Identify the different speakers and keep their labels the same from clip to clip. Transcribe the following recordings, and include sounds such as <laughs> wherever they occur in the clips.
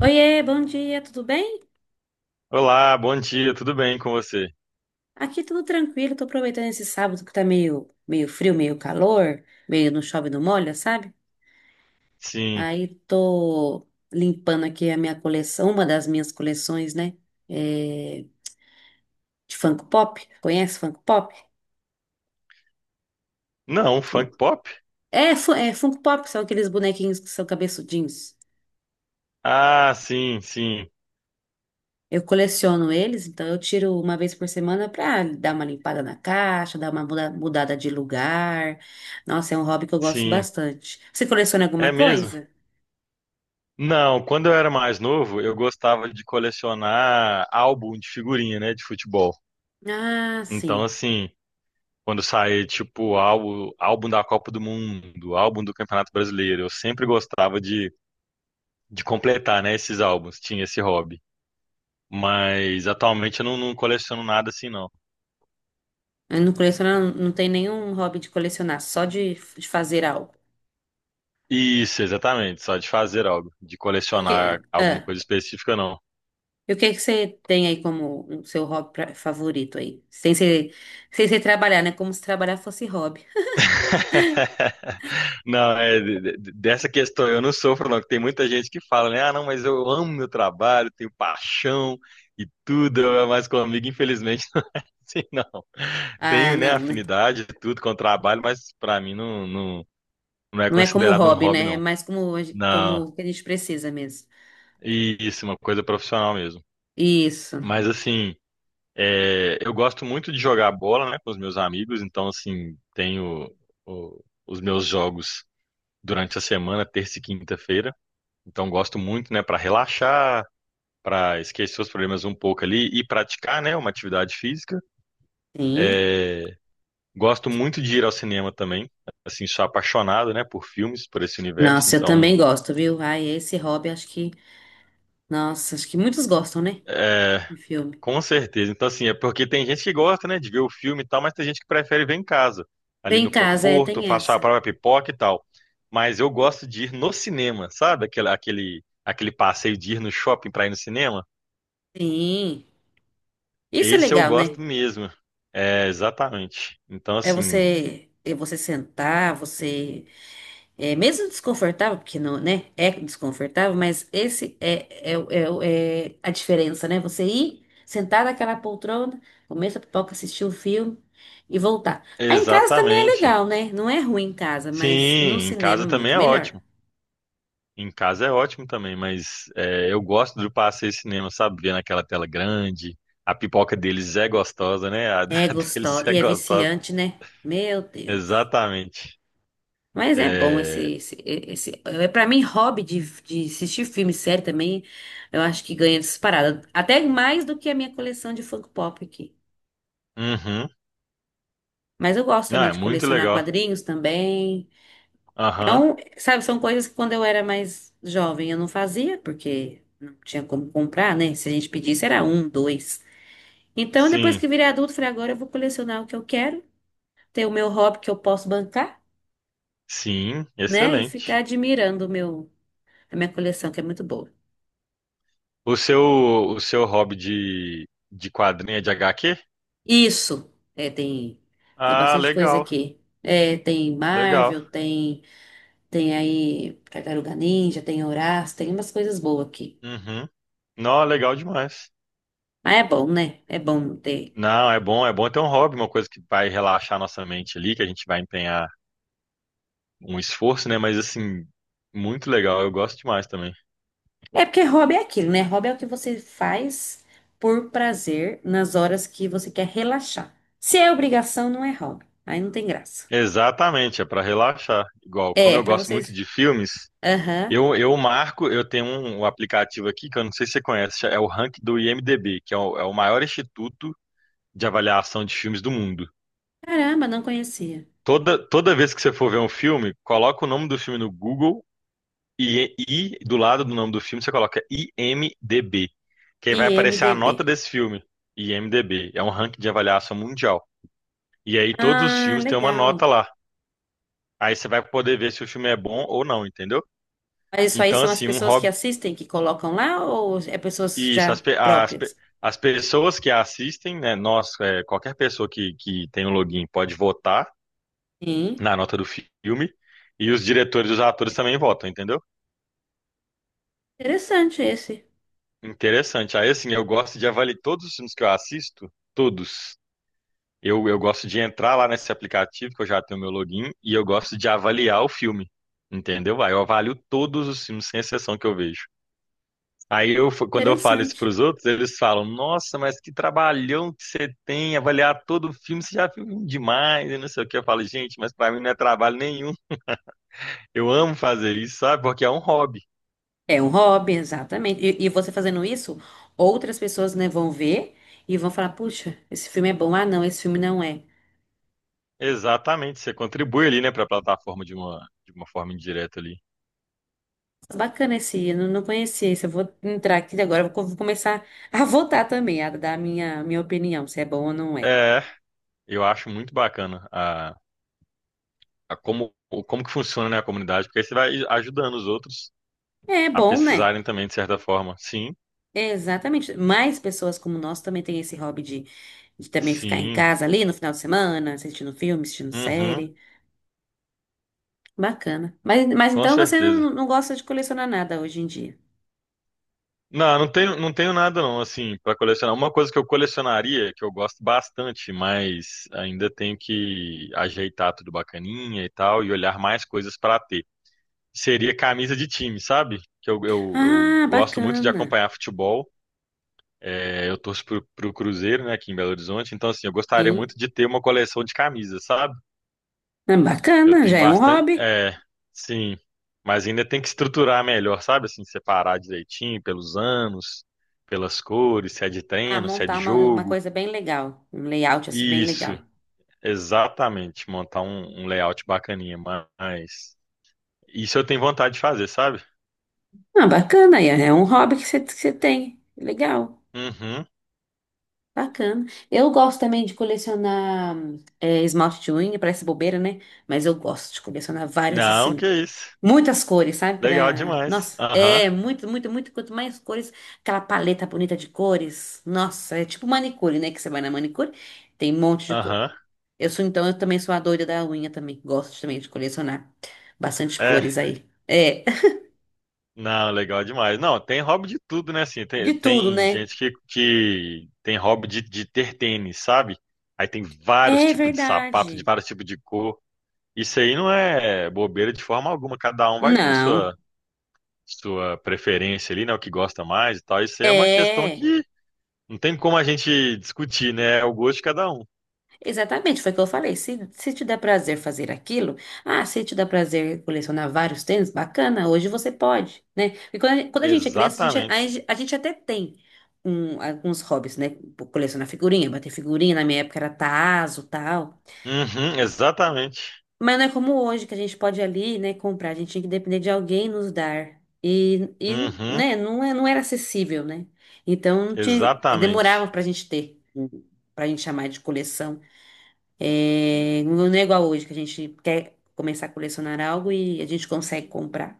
Speaker 1: Oiê, bom dia, tudo bem?
Speaker 2: Olá, bom dia, tudo bem com você?
Speaker 1: Aqui tudo tranquilo, tô aproveitando esse sábado que tá meio, meio não chove, não molha, sabe?
Speaker 2: Sim.
Speaker 1: Aí tô limpando aqui a minha coleção, uma das minhas coleções, né? é, de Funko Pop. Conhece Funko Pop?
Speaker 2: Não, funk pop?
Speaker 1: É, é Funko Pop, são aqueles bonequinhos que são cabeçudinhos.
Speaker 2: Ah, sim, sim,
Speaker 1: Eu coleciono eles, então eu tiro uma vez por semana para dar uma limpada na caixa, dar uma mudada de lugar. Nossa, é um hobby que eu gosto
Speaker 2: sim.
Speaker 1: bastante. Você coleciona alguma
Speaker 2: É mesmo?
Speaker 1: coisa?
Speaker 2: Não, quando eu era mais novo, eu gostava de colecionar álbum de figurinha, né, de futebol.
Speaker 1: Ah,
Speaker 2: Então,
Speaker 1: sim.
Speaker 2: assim, quando saía, tipo, álbum, álbum da Copa do Mundo, álbum do Campeonato Brasileiro, eu sempre gostava de completar, né, esses álbuns, tinha esse hobby. Mas atualmente eu não, não coleciono nada assim, não.
Speaker 1: Eu não coleciono, não tem nenhum hobby de colecionar, só de fazer algo.
Speaker 2: Isso, exatamente. Só de fazer algo, de
Speaker 1: E O que,
Speaker 2: colecionar
Speaker 1: ah,
Speaker 2: alguma coisa específica, não.
Speaker 1: e o que que você tem aí como o seu hobby favorito aí? Sem ser, sem ser trabalhar, né? Como se trabalhar fosse hobby.
Speaker 2: <laughs> Não, é, dessa questão eu não sofro, não. que Tem muita gente que fala, né? Ah, não, mas eu amo meu trabalho, tenho paixão e tudo, mas comigo, infelizmente, <laughs> não assim, não.
Speaker 1: Ah,
Speaker 2: Tenho, né,
Speaker 1: não, né?
Speaker 2: afinidade e tudo com o trabalho, mas pra mim não, não é
Speaker 1: Não é como
Speaker 2: considerado um
Speaker 1: hobby,
Speaker 2: hobby,
Speaker 1: né? É
Speaker 2: não.
Speaker 1: mais como, como
Speaker 2: Não,
Speaker 1: o que a gente precisa mesmo.
Speaker 2: e isso, uma coisa profissional mesmo.
Speaker 1: Isso.
Speaker 2: Mas assim. É, eu gosto muito de jogar bola, né, com os meus amigos, então, assim, tenho os meus jogos durante a semana, terça e quinta-feira. Então, gosto muito, né, para relaxar, para esquecer os problemas um pouco ali e praticar, né, uma atividade física.
Speaker 1: Sim.
Speaker 2: Gosto muito de ir ao cinema também, assim, sou apaixonado, né, por filmes, por esse universo.
Speaker 1: Nossa, eu também
Speaker 2: Então,
Speaker 1: gosto, viu? Ai, esse hobby, acho que. Nossa, acho que muitos gostam, né?
Speaker 2: é,
Speaker 1: De filme.
Speaker 2: com certeza. Então, assim, é porque tem gente que gosta, né, de ver o filme e tal, mas tem gente que prefere ver em casa, ali
Speaker 1: Vem em
Speaker 2: no
Speaker 1: casa, é,
Speaker 2: conforto,
Speaker 1: tem
Speaker 2: faço a
Speaker 1: essa.
Speaker 2: própria pipoca e tal. Mas eu gosto de ir no cinema, sabe? Aquele passeio de ir no shopping pra ir no cinema.
Speaker 1: Sim. Isso é
Speaker 2: Esse eu
Speaker 1: legal, né?
Speaker 2: gosto mesmo. É, exatamente. Então,
Speaker 1: É
Speaker 2: assim,
Speaker 1: você. É você sentar, você. É mesmo desconfortável, porque não, né? É desconfortável, mas esse é, é, o- é, o- é a diferença, né? Você ir, sentar naquela poltrona, comer sua pipoca, assistir o filme e voltar. Aí em casa também é
Speaker 2: exatamente.
Speaker 1: legal, né? Não é ruim em casa, mas no
Speaker 2: Sim, em
Speaker 1: cinema é
Speaker 2: casa também
Speaker 1: muito
Speaker 2: é
Speaker 1: melhor.
Speaker 2: ótimo. Em casa é ótimo também, mas é, eu gosto do passeio cinema, sabe? Ver naquela tela grande. A pipoca deles é gostosa, né? A, <laughs> da
Speaker 1: É
Speaker 2: deles
Speaker 1: gostosa
Speaker 2: é
Speaker 1: e é
Speaker 2: gostosa.
Speaker 1: viciante, né? Meu Deus.
Speaker 2: Exatamente.
Speaker 1: Mas é bom
Speaker 2: É,
Speaker 1: esse é para mim hobby de assistir filme, série também. Eu acho que ganha disparada, até mais do que a minha coleção de Funko Pop aqui.
Speaker 2: uhum.
Speaker 1: Mas eu gosto
Speaker 2: Não,
Speaker 1: também
Speaker 2: é
Speaker 1: de
Speaker 2: muito
Speaker 1: colecionar
Speaker 2: legal.
Speaker 1: quadrinhos também. É
Speaker 2: Aham.
Speaker 1: um, sabe, são coisas que quando eu era mais jovem eu não fazia porque não tinha como comprar, né? Se a gente pedisse era um, dois. Então depois
Speaker 2: Sim,
Speaker 1: que virei adulto, falei agora eu vou colecionar o que eu quero, ter o meu hobby que eu posso bancar.
Speaker 2: sim,
Speaker 1: Né? E ficar
Speaker 2: excelente.
Speaker 1: admirando o meu, a minha coleção, que é muito boa.
Speaker 2: O seu, o seu hobby de quadrinho é de HQ?
Speaker 1: Isso, é, tem, tem
Speaker 2: Ah,
Speaker 1: bastante coisa
Speaker 2: legal,
Speaker 1: aqui. É, tem
Speaker 2: legal.
Speaker 1: Marvel, tem, tem aí Tartaruga Ninja, tem Horácio, tem umas coisas boas aqui.
Speaker 2: Uhum. Não, legal demais.
Speaker 1: Mas é bom, né? É bom ter.
Speaker 2: Não, é bom ter um hobby, uma coisa que vai relaxar nossa mente ali, que a gente vai empenhar um esforço, né? Mas assim, muito legal, eu gosto demais também.
Speaker 1: É porque hobby é aquilo, né? Hobby é o que você faz por prazer nas horas que você quer relaxar. Se é obrigação, não é hobby. Aí não tem graça.
Speaker 2: Exatamente, é para relaxar. Igual, como
Speaker 1: É,
Speaker 2: eu
Speaker 1: pra
Speaker 2: gosto muito
Speaker 1: vocês.
Speaker 2: de filmes,
Speaker 1: Aham.
Speaker 2: eu, marco, eu tenho um, um aplicativo aqui que eu não sei se você conhece, é o Rank do IMDb, que é o, é o maior instituto de avaliação de filmes do mundo.
Speaker 1: Caramba, não conhecia.
Speaker 2: Toda, toda vez que você for ver um filme, coloca o nome do filme no Google e do lado do nome do filme você coloca IMDb, que aí vai aparecer a nota
Speaker 1: IMDB.
Speaker 2: desse filme, IMDb. É um ranking de avaliação mundial. E aí todos os
Speaker 1: Ah,
Speaker 2: filmes têm uma
Speaker 1: legal.
Speaker 2: nota lá. Aí você vai poder ver se o filme é bom ou não, entendeu?
Speaker 1: Mas isso aí
Speaker 2: Então,
Speaker 1: são as
Speaker 2: assim, um
Speaker 1: pessoas que
Speaker 2: hobby.
Speaker 1: assistem que colocam lá ou é pessoas
Speaker 2: Isso,
Speaker 1: já próprias?
Speaker 2: as pessoas que assistem, né? Nós, é, qualquer pessoa que tem um login pode votar
Speaker 1: Sim.
Speaker 2: na nota do filme. E os diretores e os atores também votam, entendeu?
Speaker 1: Interessante esse.
Speaker 2: Interessante. Aí, assim, eu gosto de avaliar todos os filmes que eu assisto, todos. Eu gosto de entrar lá nesse aplicativo, que eu já tenho meu login, e eu gosto de avaliar o filme, entendeu? Aí eu avalio todos os filmes, sem exceção que eu vejo. Quando eu falo isso
Speaker 1: Interessante.
Speaker 2: para os outros, eles falam: Nossa, mas que trabalhão que você tem, avaliar todo o filme, você já viu um demais, e não sei o que. Eu falo: Gente, mas para mim não é trabalho nenhum. Eu amo fazer isso, sabe? Porque é um hobby.
Speaker 1: É um hobby, exatamente. E você fazendo isso, outras pessoas, né, vão ver e vão falar: puxa, esse filme é bom. Ah, não, esse filme não é.
Speaker 2: Exatamente, você contribui ali, né, para a plataforma de uma forma indireta ali.
Speaker 1: Bacana esse, eu não conhecia esse. Eu vou entrar aqui agora, vou começar a <laughs> votar também, a dar a minha opinião, se é bom ou não é.
Speaker 2: É, eu acho muito bacana a como, como que funciona, né, a comunidade, porque aí você vai ajudando os outros
Speaker 1: É
Speaker 2: a
Speaker 1: bom, né?
Speaker 2: pesquisarem também, de certa forma. Sim,
Speaker 1: É, exatamente. Mais pessoas como nós também têm esse hobby de também ficar em
Speaker 2: sim,
Speaker 1: casa ali no final de semana, assistindo filme, assistindo
Speaker 2: uhum,
Speaker 1: série. Bacana. Mas
Speaker 2: com
Speaker 1: então você não,
Speaker 2: certeza.
Speaker 1: não gosta de colecionar nada hoje em dia?
Speaker 2: Não, não tenho, não tenho nada não, assim, para colecionar. Uma coisa que eu colecionaria, que eu gosto bastante, mas ainda tenho que ajeitar tudo bacaninha e tal, e olhar mais coisas para ter. Seria camisa de time, sabe? Que eu
Speaker 1: Ah,
Speaker 2: gosto muito de
Speaker 1: bacana.
Speaker 2: acompanhar futebol. É, eu torço pro, pro Cruzeiro, né, aqui em Belo Horizonte. Então, assim, eu gostaria
Speaker 1: Sim.
Speaker 2: muito de ter uma coleção de camisas, sabe?
Speaker 1: Ah,
Speaker 2: Eu
Speaker 1: bacana, já
Speaker 2: tenho
Speaker 1: é um
Speaker 2: bastante.
Speaker 1: hobby.
Speaker 2: É, sim. Mas ainda tem que estruturar melhor, sabe? Assim, separar direitinho pelos anos, pelas cores, se é de
Speaker 1: Ah,
Speaker 2: treino, se é de
Speaker 1: montar uma
Speaker 2: jogo.
Speaker 1: coisa bem legal. Um layout assim bem
Speaker 2: Isso,
Speaker 1: legal.
Speaker 2: exatamente. Montar um, um layout bacaninha, mas. Isso eu tenho vontade de fazer, sabe?
Speaker 1: Ah, bacana, é é um hobby que você tem. Legal.
Speaker 2: Uhum.
Speaker 1: Bacana. Eu gosto também de colecionar é, esmalte de unha, parece bobeira, né? Mas eu gosto de colecionar várias,
Speaker 2: Não, que
Speaker 1: assim.
Speaker 2: isso.
Speaker 1: Muitas cores, sabe?
Speaker 2: Legal
Speaker 1: Pra...
Speaker 2: demais.
Speaker 1: Nossa,
Speaker 2: Aham,
Speaker 1: é muito, muito, muito. Quanto mais cores, aquela paleta bonita de cores. Nossa, é tipo manicure, né? Que você vai na manicure, tem um monte de cor.
Speaker 2: aham.
Speaker 1: Eu sou, então, eu também sou a doida da unha também. Gosto também de colecionar bastante cores
Speaker 2: É.
Speaker 1: aí. É, <laughs>
Speaker 2: Não, legal demais. Não, tem hobby de tudo, né? Assim,
Speaker 1: de
Speaker 2: tem,
Speaker 1: tudo,
Speaker 2: tem
Speaker 1: né?
Speaker 2: gente que tem hobby de ter tênis, sabe? Aí tem vários
Speaker 1: É
Speaker 2: tipos de sapato, de
Speaker 1: verdade.
Speaker 2: vários tipos de cor. Isso aí não é bobeira de forma alguma. Cada um vai ter
Speaker 1: Não.
Speaker 2: sua, sua preferência ali, né? O que gosta mais e tal. Isso aí é uma questão
Speaker 1: É.
Speaker 2: que não tem como a gente discutir, né? É o gosto de cada um.
Speaker 1: Exatamente, foi o que eu falei. Se te dá prazer fazer aquilo, ah, se te dá prazer colecionar vários tênis, bacana, hoje você pode, né? E quando quando a gente é criança,
Speaker 2: Exatamente.
Speaker 1: a gente até tem alguns hobbies, né? Colecionar figurinha, bater figurinha, na minha época era tazo, tal.
Speaker 2: Uhum, exatamente.
Speaker 1: Mas não é como hoje, que a gente pode ali, né, comprar, a gente tinha que depender de alguém nos dar. E
Speaker 2: Uhum,
Speaker 1: né, não, é, não era acessível, né? Então, tinha,
Speaker 2: exatamente.
Speaker 1: demorava pra gente ter, pra gente chamar de coleção. É, não é igual hoje, que a gente quer começar a colecionar algo e a gente consegue comprar.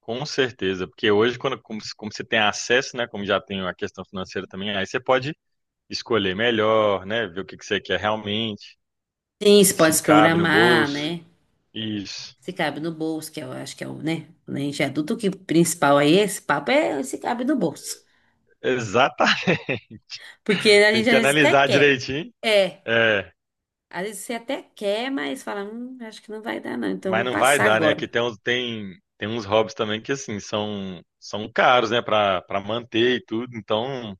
Speaker 2: Com certeza, porque hoje, quando, como, como você tem acesso, né, como já tem a questão financeira também, aí você pode escolher melhor, né, ver o que que você quer realmente,
Speaker 1: Sim, você pode
Speaker 2: se
Speaker 1: se
Speaker 2: cabe no
Speaker 1: programar,
Speaker 2: bolso.
Speaker 1: né?
Speaker 2: Isso.
Speaker 1: Se cabe no bolso, que eu acho que é o, né? Quando a gente é adulto, o que principal aí, esse papo é se cabe no bolso.
Speaker 2: Exatamente.
Speaker 1: Porque
Speaker 2: <laughs>
Speaker 1: a
Speaker 2: Tem
Speaker 1: gente às
Speaker 2: que
Speaker 1: vezes até
Speaker 2: analisar
Speaker 1: quer.
Speaker 2: direitinho.
Speaker 1: É,
Speaker 2: É,
Speaker 1: às vezes você até quer, mas fala, acho que não vai dar não, então eu
Speaker 2: mas
Speaker 1: vou
Speaker 2: não vai
Speaker 1: passar
Speaker 2: dar, né? Que
Speaker 1: agora.
Speaker 2: tem uns, tem, tem uns hobbies também que, assim, são, são caros, né, para manter e tudo. Então,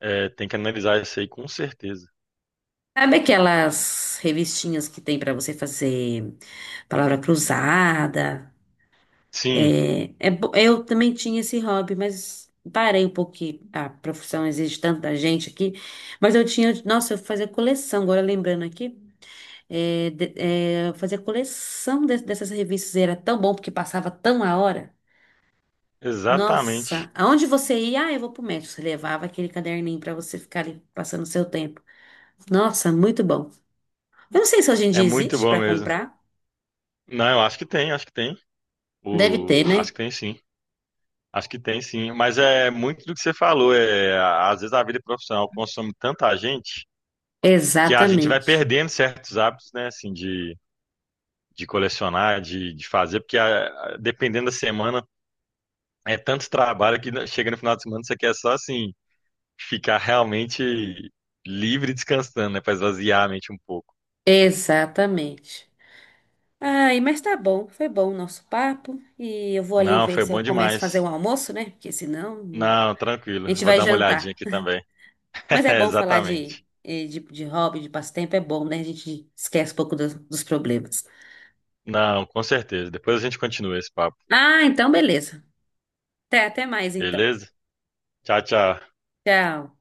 Speaker 2: é, tem que analisar isso aí com certeza.
Speaker 1: Sabe aquelas revistinhas que tem pra você fazer palavra cruzada?
Speaker 2: Sim,
Speaker 1: É, eu também tinha esse hobby, mas parei um pouquinho. A profissão exige tanta gente aqui. Mas eu tinha, nossa, eu fazia coleção, agora lembrando aqui. É, eu fazia coleção dessas revistas. Era tão bom porque passava tão a hora.
Speaker 2: exatamente.
Speaker 1: Nossa, aonde você ia? Ah, eu vou pro médico. Você levava aquele caderninho para você ficar ali passando o seu tempo. Nossa, muito bom. Eu não sei se hoje em
Speaker 2: É
Speaker 1: dia
Speaker 2: muito
Speaker 1: existe
Speaker 2: bom
Speaker 1: para
Speaker 2: mesmo.
Speaker 1: comprar.
Speaker 2: Não, eu acho que tem, acho que tem.
Speaker 1: Deve
Speaker 2: O...
Speaker 1: ter, né?
Speaker 2: Acho que tem sim. Acho que tem sim. Mas é muito do que você falou. É... Às vezes a vida profissional consome tanta gente que a gente vai
Speaker 1: Exatamente.
Speaker 2: perdendo certos hábitos, né? Assim, de colecionar, de fazer, porque dependendo da semana, é tanto trabalho que chega no final de semana você quer só assim ficar realmente livre e descansando, né? Para esvaziar a mente um pouco.
Speaker 1: Exatamente. Ai, mas tá bom, foi bom o nosso papo. E eu vou ali
Speaker 2: Não,
Speaker 1: ver
Speaker 2: foi
Speaker 1: se eu
Speaker 2: bom
Speaker 1: começo a fazer um
Speaker 2: demais.
Speaker 1: almoço, né? Porque senão
Speaker 2: Não,
Speaker 1: a
Speaker 2: tranquilo.
Speaker 1: gente
Speaker 2: Vou
Speaker 1: vai
Speaker 2: dar uma olhadinha
Speaker 1: jantar.
Speaker 2: aqui também.
Speaker 1: Mas
Speaker 2: <laughs>
Speaker 1: é
Speaker 2: É,
Speaker 1: bom falar
Speaker 2: exatamente.
Speaker 1: de hobby, de passatempo, é bom, né? A gente esquece um pouco dos problemas.
Speaker 2: Não, com certeza. Depois a gente continua esse papo.
Speaker 1: Ah, então beleza. Até, até mais então.
Speaker 2: Beleza? Tchau, tchau.
Speaker 1: Tchau.